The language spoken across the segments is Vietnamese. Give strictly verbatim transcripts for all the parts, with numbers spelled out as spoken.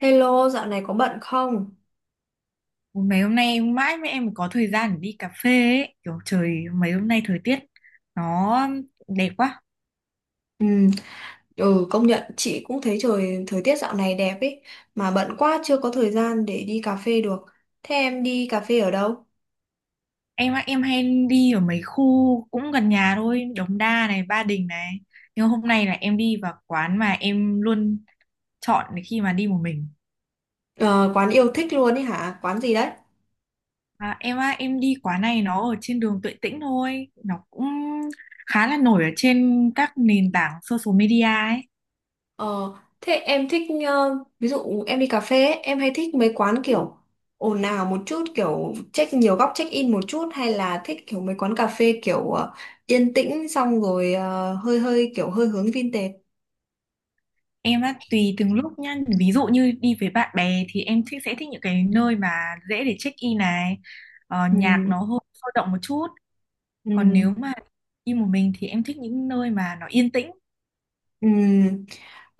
Hello, dạo này có bận không? Ôi, mấy hôm nay mãi mới em mới có thời gian để đi cà phê ấy. Kiểu trời mấy hôm nay thời tiết nó đẹp quá. Ừ, ừ, công nhận chị cũng thấy trời thời tiết dạo này đẹp ấy, mà bận quá chưa có thời gian để đi cà phê được. Thế em đi cà phê ở đâu? Em á, em hay đi ở mấy khu cũng gần nhà thôi, Đống Đa này, Ba Đình này. Nhưng hôm nay là em đi vào quán mà em luôn chọn khi mà đi một mình. Ờ, quán yêu thích luôn ấy hả? Quán gì đấy? À, em á, em đi quán này nó ở trên đường Tuệ Tĩnh thôi. Nó cũng khá là nổi ở trên các nền tảng social media ấy. Ờ, thế em thích, ờ, ví dụ em đi cà phê ấy, em hay thích mấy quán kiểu ồn ào một chút, kiểu check nhiều góc, check in một chút, hay là thích kiểu mấy quán cà phê kiểu ờ, yên tĩnh, xong rồi ờ, hơi hơi kiểu hơi hướng vintage. Em á, tùy từng lúc nhá. Ví dụ như đi với bạn bè thì em thích sẽ thích những cái nơi mà dễ để check in này, ờ, Ừ. nhạc nó hơi sôi động một chút. Ừ. Còn nếu mà đi một mình thì em thích những nơi mà nó yên tĩnh. Ừ.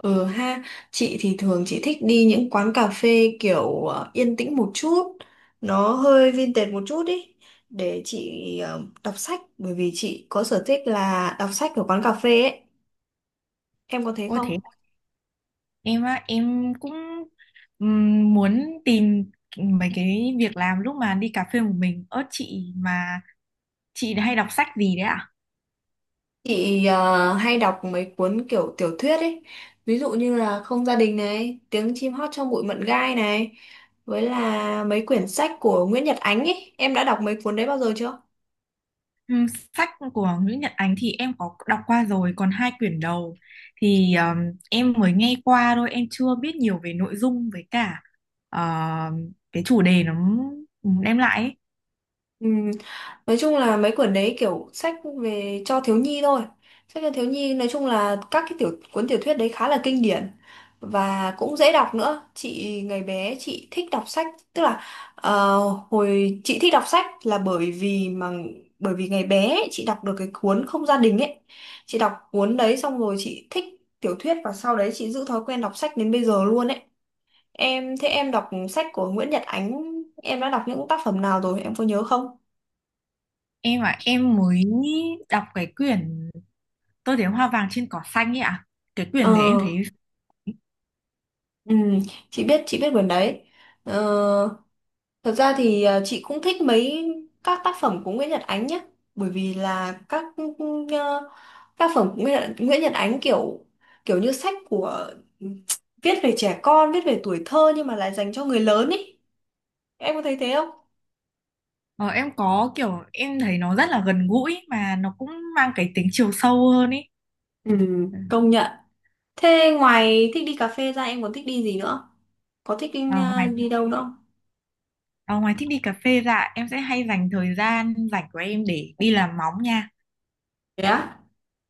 Ừ ha, chị thì thường chị thích đi những quán cà phê kiểu ờ, yên tĩnh một chút, nó hơi vintage một chút ý, để chị ờ, đọc sách, bởi vì chị có sở thích là đọc sách ở quán cà phê ấy, em có thấy Ôi không? thế em á, em cũng ừm, muốn tìm mấy cái việc làm lúc mà đi cà phê một mình. Ơ chị, mà chị hay đọc sách gì đấy ạ? Chị ờ, hay đọc mấy cuốn kiểu tiểu thuyết ấy, ví dụ như là Không gia đình này, Tiếng chim hót trong bụi mận gai này, với là mấy quyển sách của Nguyễn Nhật Ánh ấy, em đã đọc mấy cuốn đấy bao giờ chưa? Ừ, sách của Nguyễn Nhật Ánh thì em có đọc qua rồi, còn hai quyển đầu thì um, em mới nghe qua thôi, em chưa biết nhiều về nội dung với cả ờ, cái chủ đề nó đem lại ấy. Ừm, Nói chung là mấy quyển đấy kiểu sách về cho thiếu nhi thôi. Sách cho thiếu nhi nói chung là các cái tiểu cuốn tiểu thuyết đấy khá là kinh điển và cũng dễ đọc nữa. Chị ngày bé chị thích đọc sách, tức là ờ, hồi chị thích đọc sách là bởi vì mà bởi vì ngày bé ấy, chị đọc được cái cuốn Không gia đình ấy. Chị đọc cuốn đấy xong rồi chị thích tiểu thuyết, và sau đấy chị giữ thói quen đọc sách đến bây giờ luôn ấy. Em thế em đọc sách của Nguyễn Nhật Ánh, em đã đọc những tác phẩm nào rồi? Em có nhớ không? Em à, em mới đọc cái quyển Tôi thấy hoa vàng trên cỏ xanh ấy ạ. Cái quyển đấy em Ờ, thấy ừ, chị biết chị biết quyển đấy. Ờ, thật ra thì ờ, chị cũng thích mấy các tác phẩm của Nguyễn Nhật Ánh nhé, bởi vì là các ờ, tác phẩm của Nguyễn, Nguyễn Nhật Ánh kiểu kiểu như sách của viết về trẻ con, viết về tuổi thơ, nhưng mà lại dành cho người lớn ý. Em có thấy thế không? ờ, em có kiểu em thấy nó rất là gần gũi mà nó cũng mang cái tính chiều sâu hơn ấy. Ừ, Ừ. công nhận. Thế ngoài thích đi cà phê ra em còn thích đi gì nữa? Có thích đi, Ờ, ngoài ờ, đi đâu nữa không? Ờ, ngoài thích đi cà phê ra, em sẽ hay dành thời gian rảnh của em để đi làm móng nha. Thế á?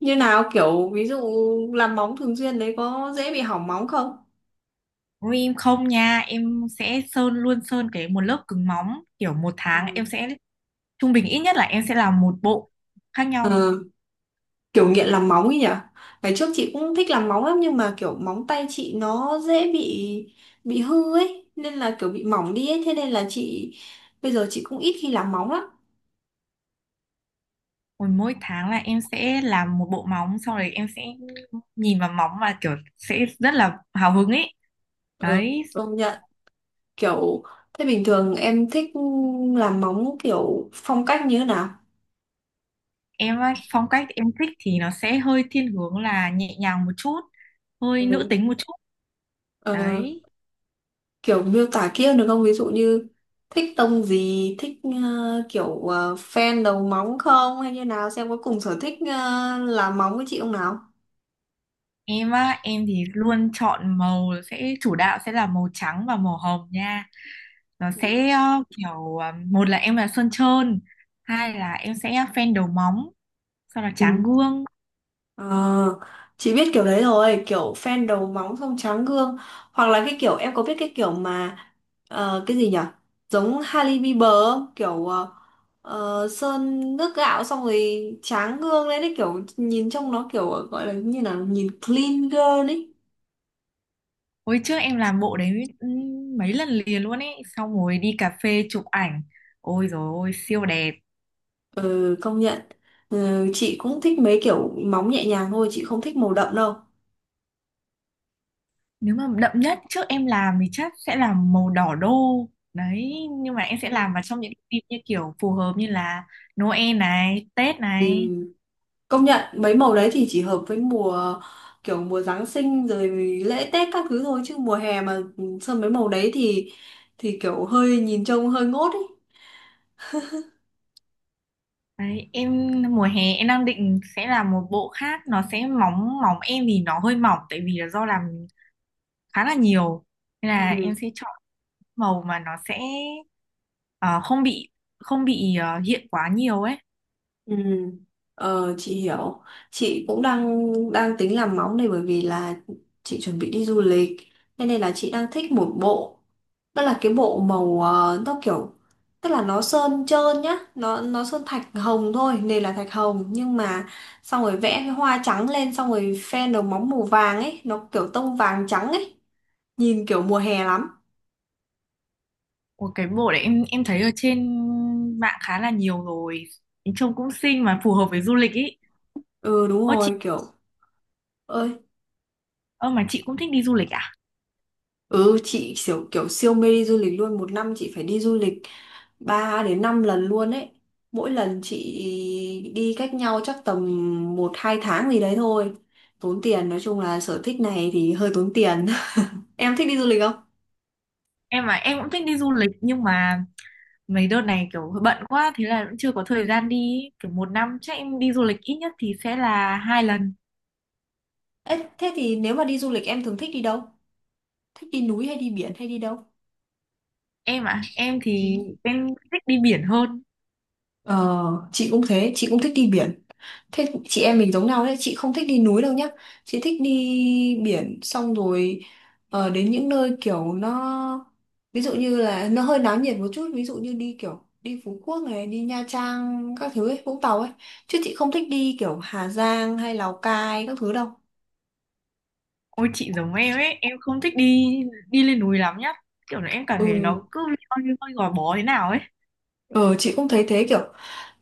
Như nào, kiểu ví dụ làm móng thường xuyên đấy có dễ bị hỏng móng không? Nếu em không nha, em sẽ sơn luôn sơn cái một lớp cứng móng, kiểu một tháng Ừ. em sẽ trung bình ít nhất là em sẽ làm một bộ khác Ờ, nhau. kiểu nghiện làm móng ấy nhỉ. Ngày trước chị cũng thích làm móng lắm, nhưng mà kiểu móng tay chị nó dễ bị bị hư ấy, nên là kiểu bị mỏng đi ấy, thế nên là chị bây giờ chị cũng ít khi làm móng lắm. Còn mỗi tháng là em sẽ làm một bộ móng, sau đấy em sẽ nhìn vào móng và kiểu sẽ rất là hào hứng ấy, Ừ, đấy. công nhận. Kiểu, thế bình thường em thích làm móng kiểu phong cách như thế nào? Em á, phong cách em thích thì nó sẽ hơi thiên hướng là nhẹ nhàng một chút, hơi nữ Ừ. tính một chút, Ờ, đấy. kiểu miêu tả kia được không? Ví dụ như thích tông gì, thích ờ, kiểu ờ, fan đầu móng không, hay như nào, xem có cùng sở thích ờ, làm móng với chị không nào. Em á, em thì luôn chọn màu, sẽ chủ đạo sẽ là màu trắng và màu hồng nha. Nó Ừ. sẽ ờ, kiểu ờ, một là em là sơn trơn, hai là em sẽ phen đầu móng, sau là tráng Ừ. gương. Ờ, chị biết kiểu đấy rồi, kiểu fan đầu móng xong tráng gương, hoặc là cái kiểu em có biết cái kiểu mà ờ, cái gì nhỉ, giống Hailey Bieber không? Kiểu ờ, ờ, sơn nước gạo xong rồi tráng gương lên đấy, kiểu nhìn trông nó kiểu gọi là như là nhìn clean girl ấy. Hồi trước em làm bộ đấy ừm, mấy lần liền luôn ấy, xong rồi đi cà phê chụp ảnh. Ôi dồi ôi, siêu đẹp. Ừ, công nhận. Ừ, chị cũng thích mấy kiểu móng nhẹ nhàng thôi, chị không thích màu đậm đâu. Nếu mà đậm nhất trước em làm thì chắc sẽ là màu đỏ đô. Đấy, nhưng mà em sẽ Ừ. làm vào trong những dịp như kiểu phù hợp như là Noel này, Tết Ừ, này. công nhận mấy màu đấy thì chỉ hợp với mùa, kiểu mùa Giáng sinh rồi lễ Tết các thứ thôi, chứ mùa hè mà sơn mấy màu đấy thì thì kiểu hơi nhìn trông hơi ngốt ấy. Đấy, em mùa hè em đang định sẽ làm một bộ khác, nó sẽ mỏng mỏng em thì nó hơi mỏng tại vì là do làm khá là nhiều, nên là Ừ. em sẽ chọn màu mà nó sẽ ờ, không bị không bị ờ, hiện quá nhiều ấy. Ừ. Ờ, chị hiểu. Chị cũng đang đang tính làm móng này, bởi vì là chị chuẩn bị đi du lịch. Thế nên là chị đang thích một bộ, đó là cái bộ màu ờ, nó kiểu, tức là nó sơn trơn nhá, nó nó sơn thạch hồng thôi, nền là thạch hồng, nhưng mà xong rồi vẽ cái hoa trắng lên, xong rồi phe đầu móng màu vàng ấy, nó kiểu tông vàng trắng ấy, nhìn kiểu mùa hè lắm. Ủa, cái bộ đấy em em thấy ở trên mạng khá là nhiều rồi, trông cũng xinh mà phù hợp với du lịch ý. Ừ đúng Ơ chị, rồi, kiểu. Ơi. ơ mà chị cũng thích đi du lịch à? Ừ, chị kiểu, kiểu siêu mê đi du lịch luôn. Một năm chị phải đi du lịch ba đến năm lần luôn ấy. Mỗi lần chị đi cách nhau chắc tầm một hai tháng gì đấy thôi. Tốn tiền, nói chung là sở thích này thì hơi tốn tiền. Em thích đi du lịch không? Em mà em cũng thích đi du lịch, nhưng mà mấy đợt này kiểu bận quá thế là cũng chưa có thời gian đi ý. Kiểu một năm chắc em đi du lịch ít nhất thì sẽ là hai lần. Ê, thế thì nếu mà đi du lịch em thường thích đi đâu? Thích đi núi hay đi biển hay đi đâu? Em à, em Ừ. thì em thích đi biển hơn. Ờ, chị cũng thế, chị cũng thích đi biển. Thế chị em mình giống nhau đấy, chị không thích đi núi đâu nhá. Chị thích đi biển, xong rồi ờ, đến những nơi kiểu nó, ví dụ như là nó hơi náo nhiệt một chút, ví dụ như đi kiểu đi Phú Quốc này, đi Nha Trang các thứ ấy, Vũng Tàu ấy. Chứ chị không thích đi kiểu Hà Giang hay Lào Cai các thứ đâu. Ôi chị giống em ấy, em không thích đi đi lên núi lắm nhá, kiểu là em cảm thấy Ừ. nó cứ hơi hơi gò bó thế nào ấy. Ờ, chị cũng thấy thế, kiểu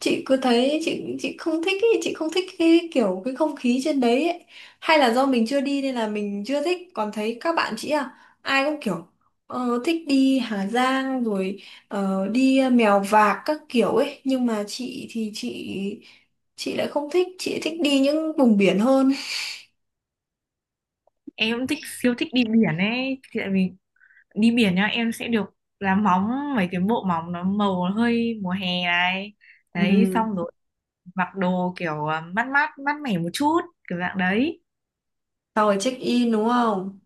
chị cứ thấy chị chị không thích ý, chị không thích cái kiểu cái không khí trên đấy ấy. Hay là do mình chưa đi nên là mình chưa thích, còn thấy các bạn chị à, ai cũng kiểu ờ, thích đi Hà Giang rồi, ờ, đi ờ, Mèo Vạc các kiểu ấy, nhưng mà chị thì chị chị lại không thích, chị thích đi những vùng biển hơn. Em cũng thích siêu thích đi biển ấy. Thì tại vì đi biển nhá, em sẽ được làm móng mấy cái bộ móng nó màu hơi mùa hè này, Ừ. đấy, xong rồi mặc đồ kiểu ờ, mát mát mát mẻ một chút, kiểu dạng đấy. Xong rồi check in đúng không?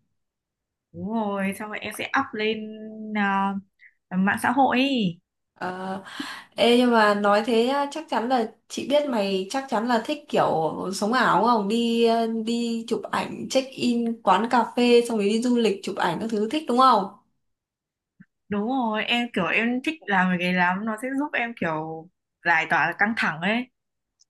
Đúng rồi, xong rồi em sẽ up lên à, mạng xã hội ấy. Ờ. Ê, nhưng mà nói thế á, chắc chắn là chị biết mày chắc chắn là thích kiểu sống ảo đúng không? Đi ờ, đi chụp ảnh, check in quán cà phê, xong rồi đi du lịch chụp ảnh các thứ thích đúng không? Đúng rồi, em kiểu em thích làm cái đấy lắm, nó sẽ giúp em kiểu giải tỏa căng thẳng ấy.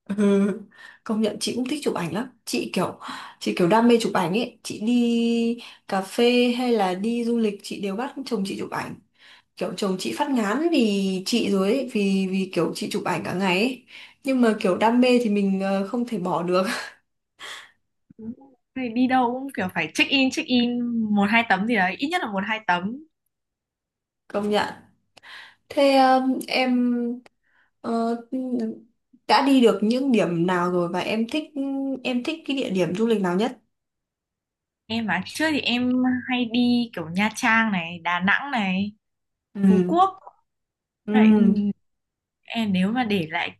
Ừ. Công nhận chị cũng thích chụp ảnh lắm. Chị kiểu chị kiểu đam mê chụp ảnh ấy, chị đi cà phê hay là đi du lịch chị đều bắt chồng chị chụp ảnh. Kiểu chồng chị phát ngán vì chị rồi ấy, vì vì kiểu chị chụp ảnh cả ngày ấy. Nhưng mà kiểu đam mê thì mình ờ, không thể bỏ được. Đúng rồi. Thì đi đâu cũng kiểu phải check in, check in một hai tấm gì đấy, ít nhất là một hai tấm. Công nhận. Thế ờ, em Ờ, đã đi được những điểm nào rồi, và em thích em thích cái địa điểm du lịch nào nhất? Em mà trước thì em hay đi kiểu Nha Trang này, Đà Nẵng này, Phú Ừ. Quốc. Vậy, Ừ. ừ, em nếu mà để lại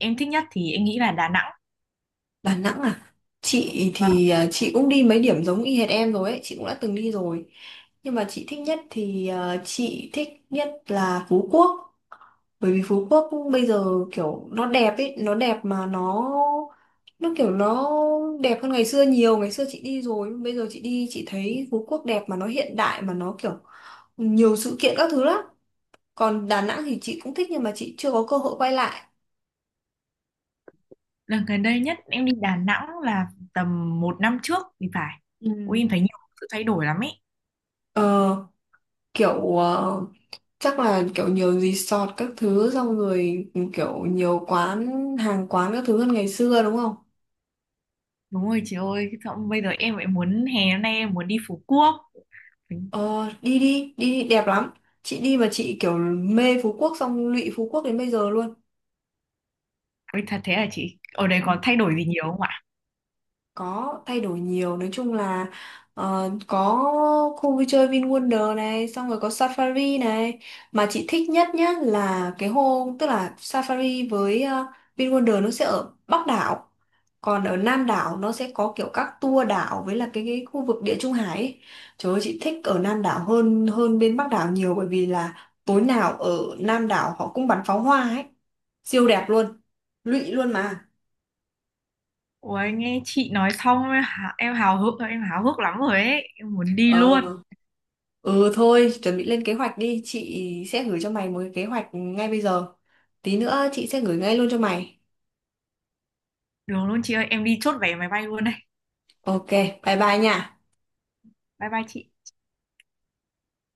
em thích nhất thì em nghĩ là Đà Nẵng. Đà Nẵng à? Chị thì à, chị cũng đi mấy điểm giống y hệt em rồi ấy, chị cũng đã từng đi rồi. Nhưng mà chị thích nhất thì à, chị thích nhất là Phú Quốc. Bởi vì Phú Quốc bây giờ kiểu nó đẹp ấy, nó đẹp mà nó nó kiểu nó đẹp hơn ngày xưa nhiều. Ngày xưa chị đi rồi, bây giờ chị đi chị thấy Phú Quốc đẹp mà nó hiện đại mà nó kiểu nhiều sự kiện các thứ lắm. Còn Đà Nẵng thì chị cũng thích nhưng mà chị chưa có cơ hội quay lại. Lần gần đây nhất em đi Đà Nẵng là tầm một năm trước thì phải. Ừ. Ui em thấy nhiều sự thay đổi lắm ấy. Ờ, kiểu ờ, chắc là kiểu nhiều resort các thứ, xong rồi kiểu nhiều quán hàng quán các thứ hơn ngày xưa đúng không? Đúng rồi chị ơi, xong bây giờ em lại muốn hè hôm nay em muốn đi Phú Quốc. Ờ, đi đi, đi đi đẹp lắm. Chị đi mà chị kiểu mê Phú Quốc, xong lụy Phú Quốc đến bây giờ luôn. Ui thật thế à, chị ở đây có thay đổi gì nhiều không ạ? Có thay đổi nhiều, nói chung là ờ, có khu vui chơi VinWonder này, xong rồi có Safari này, mà chị thích nhất nhá là cái hôm, tức là Safari với ờ, VinWonder nó sẽ ở Bắc đảo, còn ở Nam đảo nó sẽ có kiểu các tour đảo, với là cái, cái khu vực Địa Trung Hải ấy. Trời ơi, chị thích ở Nam đảo hơn hơn bên Bắc đảo nhiều, bởi vì là tối nào ở Nam đảo họ cũng bắn pháo hoa ấy, siêu đẹp luôn, lụy luôn mà. Ui nghe chị nói xong em hả- em hào hức em háo hức lắm rồi ấy, em muốn đi ờ luôn. Ừ thôi, chuẩn bị lên kế hoạch đi, chị sẽ gửi cho mày một cái kế hoạch ngay bây giờ. Tí nữa chị sẽ gửi ngay luôn cho mày. Được luôn chị ơi, em đi chốt vé máy bay luôn đây. Ok, bye bye nha. Bye bye chị.